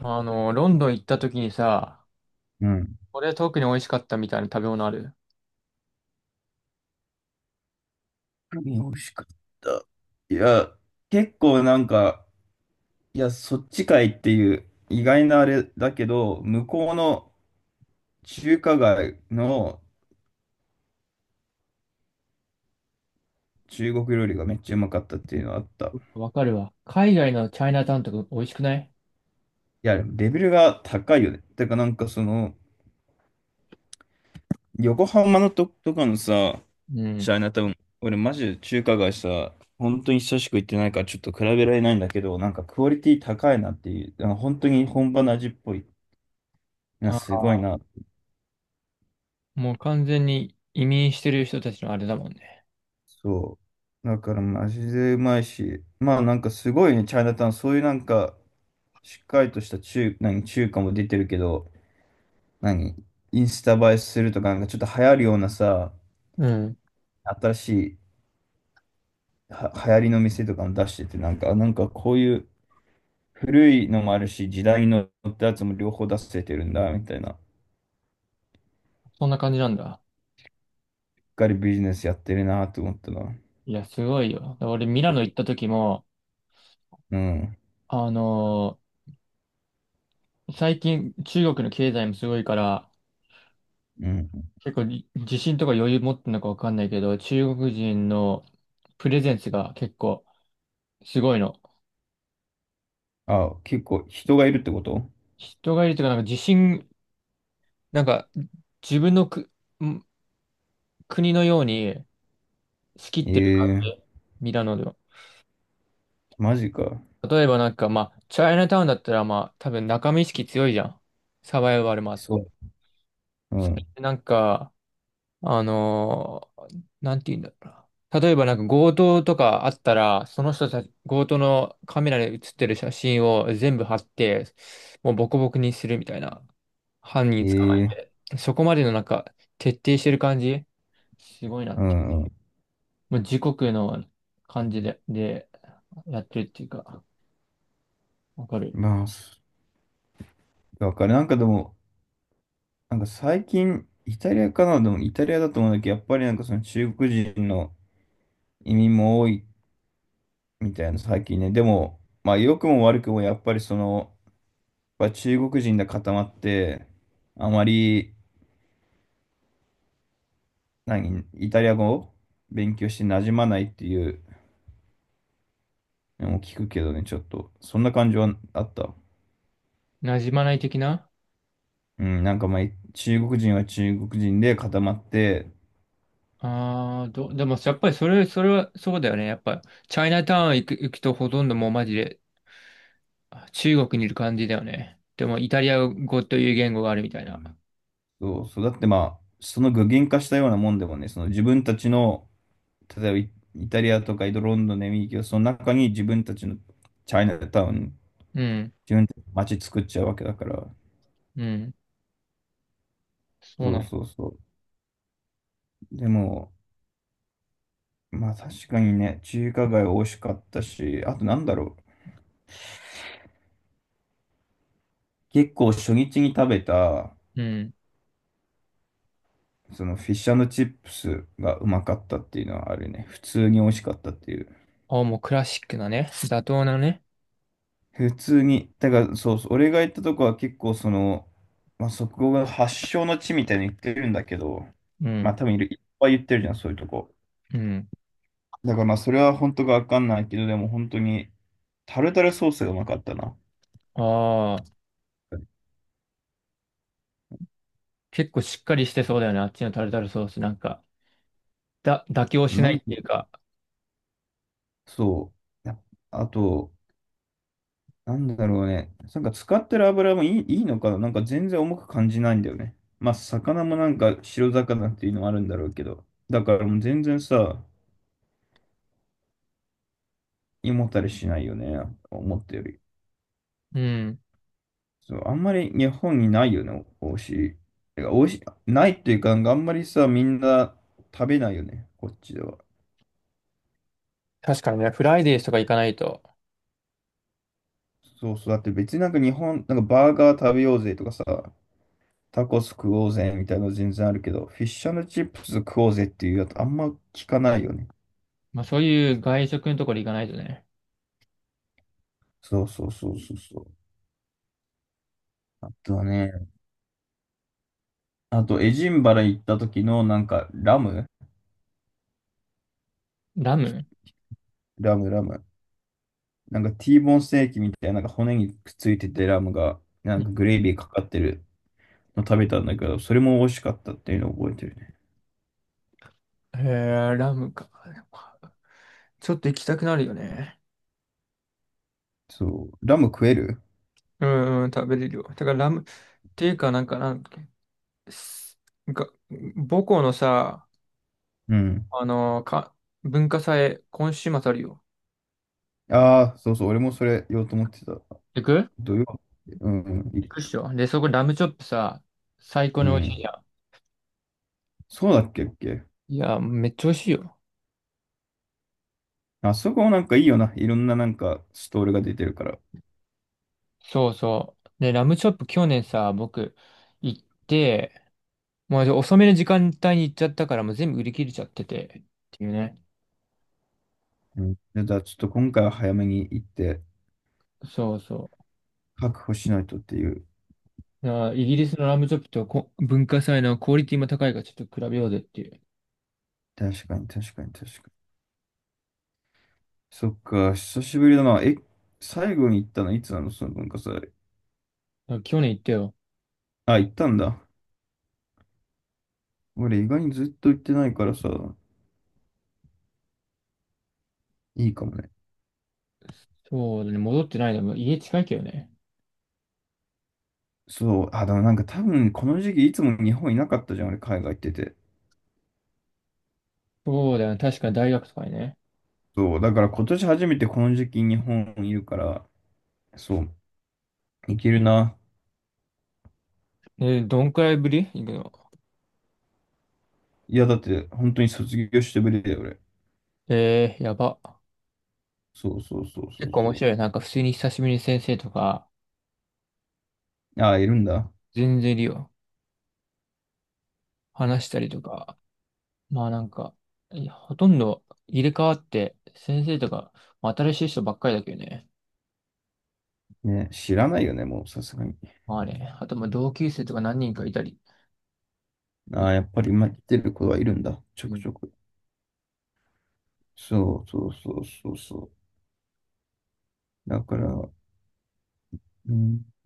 ロンドン行った時にさ、うん。これ特に美味しかったみたいな食べ物ある？何が美味しかった？いや、結構なんか、いや、そっちかいっていう意外なあれだけど、向こうの中華街の中国料理がめっちゃうまかったっていうのはあった。いわかるわ。海外のチャイナタウンとか美味しくない？や、でもレベルが高いよね。てかなんかその、横浜のとかのさ、うん。チャイナタウン、俺マジで中華街さ、本当に久しく行ってないからちょっと比べられないんだけど、なんかクオリティ高いなっていう、あの本当に本場の味っぽいな、すあ、ごいな。もう完全に移民してる人たちのあれだもんね。そう。だからマジでうまいし、まあなんかすごいね、チャイナタウン、そういうなんか、しっかりとした中華も出てるけど、何、インスタ映えするとか、なんかちょっと流行るようなさ、うん。新しいは流行りの店とかも出してて、なんか、あなんかこういう古いのもあるし、時代のってやつも両方出せてるんだ、みたいな。しそんな感じなんだ。っかりビジネスやってるなと思ったな。いや、すごいよ。だから俺、ミラノ行った時も、うん、あの最近中国の経済もすごいから、うん。結構自信とか余裕持ってんのかわかんないけど、中国人のプレゼンスが結構すごいの。あ、結構人がいるってこと？人がいるというか、なんか自信なんか、自分のん国のように仕切ってる感ええ、じ、ミラノでは。マジか。例えばなんか、まあ、チャイナタウンだったら、まあ、多分仲間意識強いじゃん。サバイバルもあっそう。て。うそれん。でなんか、なんて言うんだろうな。例えばなんか強盗とかあったら、その人たち、強盗のカメラで写ってる写真を全部貼って、もうボコボコにするみたいな。犯人捕まええ、え。そこまでのなんか、徹底してる感じ、すごいな。うん。まあ、時刻の感じで、やってるっていうか、わかる。まあ、そだからなんかでも、なんか最近、イタリアかな、でもイタリアだと思うんだけど、やっぱりなんかその中国人の移民も多いみたいな最近ね。でも、まあ良くも悪くもやっぱりその、やっぱ中国人で固まって、あまり、何、イタリア語を勉強して馴染まないっていうのも聞くけどね、ちょっと。そんな感じはあった。馴染まない的な。うん、なんかまあ中国人は中国人で固まって、ああー、でも、やっぱりそれはそうだよね。やっぱ、チャイナタウン行くとほとんどもうマジで中国にいる感じだよね。でも、イタリア語という言語があるみたいな。そうそう。だってまあ、その具現化したようなもんでもね、その自分たちの、例えばイイタリアとかイドロンドンのエミリキオその中に自分たちのチャイナタウン、うん、自分たちの街作っちゃうわけだから。うん、そうそなうの。そうそう。でも、まあ確かにね、中華街美味しかったし、あとなんだろう。結構初日に食べた、うん。そのフィッシュチップスがうまかったっていうのはあるね。普通に美味しかったっていう。ああ、もうクラシックなね。妥当なね。普通に、だからそうそう、俺が行ったとこは結構その、まあ、そこが発祥の地みたいに言ってるんだけど、うまあん、多分いっぱい言ってるじゃん、そういうとこ。うん。だからまあそれは本当かわかんないけど、でも本当にタルタルソースがうまかったな。ああ、結構しっかりしてそうだよね。あっちのタルタルソースなんか。妥協しななんいっていうか。そう。やあと、なんだろうね。なんか使ってる油もいいのかな、なんか全然重く感じないんだよね。まあ魚もなんか白魚っていうのもあるんだろうけど。だからもう全然さ、胃もたれしないよね。思ったより。うん。そう、あんまり日本にないよね、おいしい。てか、おいしい、ないっていうか、なんかあんまりさ、みんな食べないよね、こっちでは。確かにね、フライデーとか行かないと。そうそう、だって別になんか日本、なんかバーガー食べようぜとかさ、タコス食おうぜみたいなの全然あるけど、フィッシュチップス食おうぜっていうやつあんま聞かないよね。まあそういう外食のところ行かないとね。そうそうそうそうそう。あとはね、あとエジンバラ行った時のなんかラムラム。ラムラム。なんか T ボーンステーキみたいな、なんか骨にくっついててラムが、なうんん。かグレービーかかってるの食べたんだけど、それも美味しかったっていうのを覚えてるね。へえ、ラムか。ちょっと行きたくなるよね。そう。ラム食える？うんうん、食べれるよ。だからラム、っていうか、すなんか母校のさ、うん。あのか、文化祭、今週末あるよ。ああ、そうそう。俺もそれ言おうと思ってた。行く？土曜日。うん。い、行くっしょ。で、そこラムチョップさ、最高うに美味しいん。じゃそうだっけっけ？ん。いや、めっちゃ美味しいよ。あそこもなんかいいよな。いろんななんかストールが出てるから。そうそう。で、ラムチョップ去年さ、僕行って、もうじゃあ遅めの時間帯に行っちゃったから、もう全部売り切れちゃってて、っていうね。うん。じゃあちょっと今回は早めに行ってそうそ確保しないとっていう。う。だからイギリスのラムチョップとこ文化祭のクオリティも高いからちょっと比べようぜっていう。だか確かに確かに確かに。そっか、久しぶりだな。え、最後に行ったのいつなの、その文化祭。ら去年行ったよ。あ、行ったんだ。俺意外にずっと行ってないからさ、いいかもね。そうだね、戻ってないでもう家近いけどね。そう、あ、でもなんか多分この時期いつも日本いなかったじゃん、俺海外行ってて。そうだよね、確かに大学とかにね。そう、だから今年初めてこの時期日本いるから、そう、いけるな。どんくらいぶり行くの？いや、だって本当に卒業してぶりだよ、俺。えー、やば。そうそうそうそ結う構面そ白いよ。なんか普通に久しぶりに先生とか、う。ああ、いるんだ。全然いるよ。話したりとか。まあなんか、いやほとんど入れ替わって、先生とか、まあ新しい人ばっかりだけどね。ね、知らないよね、もうさすがに。まあね。あと、まあ、同級生とか何人かいたり。ああ、やっぱり今来てる子はいるんだ、ちょうくちん。ょく。そうそうそうそうそう。だから、うん、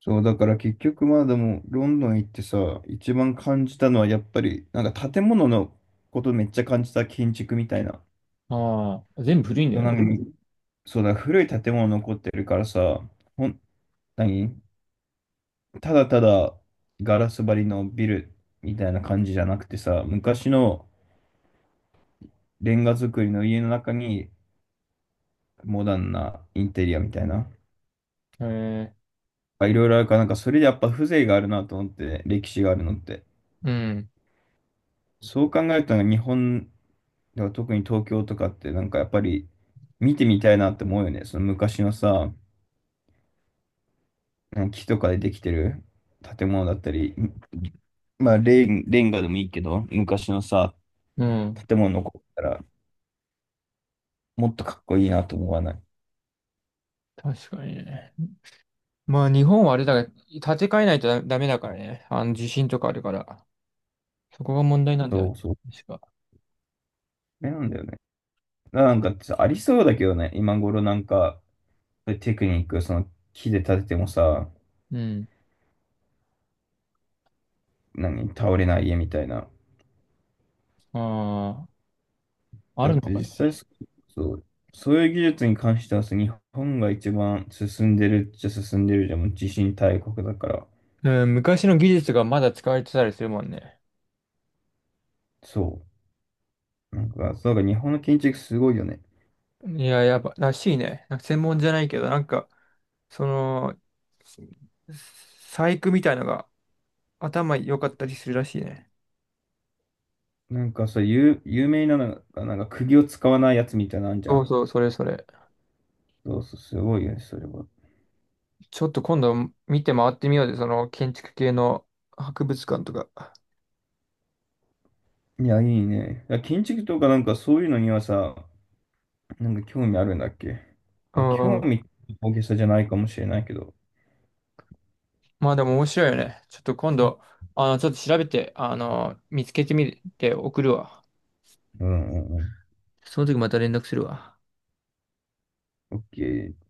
そう、だから結局まあでも、ロンドン行ってさ、一番感じたのはやっぱり、なんか建物のことめっちゃ感じた、建築みたいな。ああ、全部古いんだそう、よなんね。かみ、うん、そうだ、古い建物残ってるからさ、ほん、何、ただただガラス張りのビルみたいな感じじゃなくてさ、昔のレンガ造りの家の中にモダンなインテリアみたいな。へえ。あ、いろいろあるから、なんかそれでやっぱ風情があるなと思って、歴史があるのって。うん。そう考えると日本でも特に東京とかってなんかやっぱり見てみたいなって思うよね。その昔のさ、うん、木とかでできてる建物だったり、まあレンガでもいいけど、昔のさ、うん。建物残ったらもっとかっこいいなと思わない？確かにね。まあ、日本はあれだが、建て替えないとダメだからね。地震とかあるから。そこが問題なんだよそね。うそう。確か。それなんだよね。なんかさありそうだけどね、今頃なんか、テクニック、その木で建ててもさ、うん。何、倒れない家みたいな。ああ、あだっるのてか実ね。際そう、そういう技術に関してはさ、日本が一番進んでるっちゃ進んでるじゃん、もう地震大国だから。うん、昔の技術がまだ使われてたりするもんね。そう。なんか、そうだから日本の建築すごいよね。いや、やっぱ、らしいね。なんか専門じゃないけど、なんか、その、細工みたいのが頭良かったりするらしいね。なんかさ、有名なのが、なんか釘を使わないやつみたいなのあんじゃそうん。そう、それそれ。そうそう、すごいよね、それは。ちょっと今度見て回ってみようで、その建築系の博物館とか。いや、いいね。いや、建築とかなんかそういうのにはさ、なんか興味あるんだっけ？うあ、んう興ん。味大げさじゃないかもしれないけど。まあでも面白いよね。ちょっと今度、ちょっと調べて、見つけてみて送るわ。うんうんうその時また連絡するわ。ん。OK。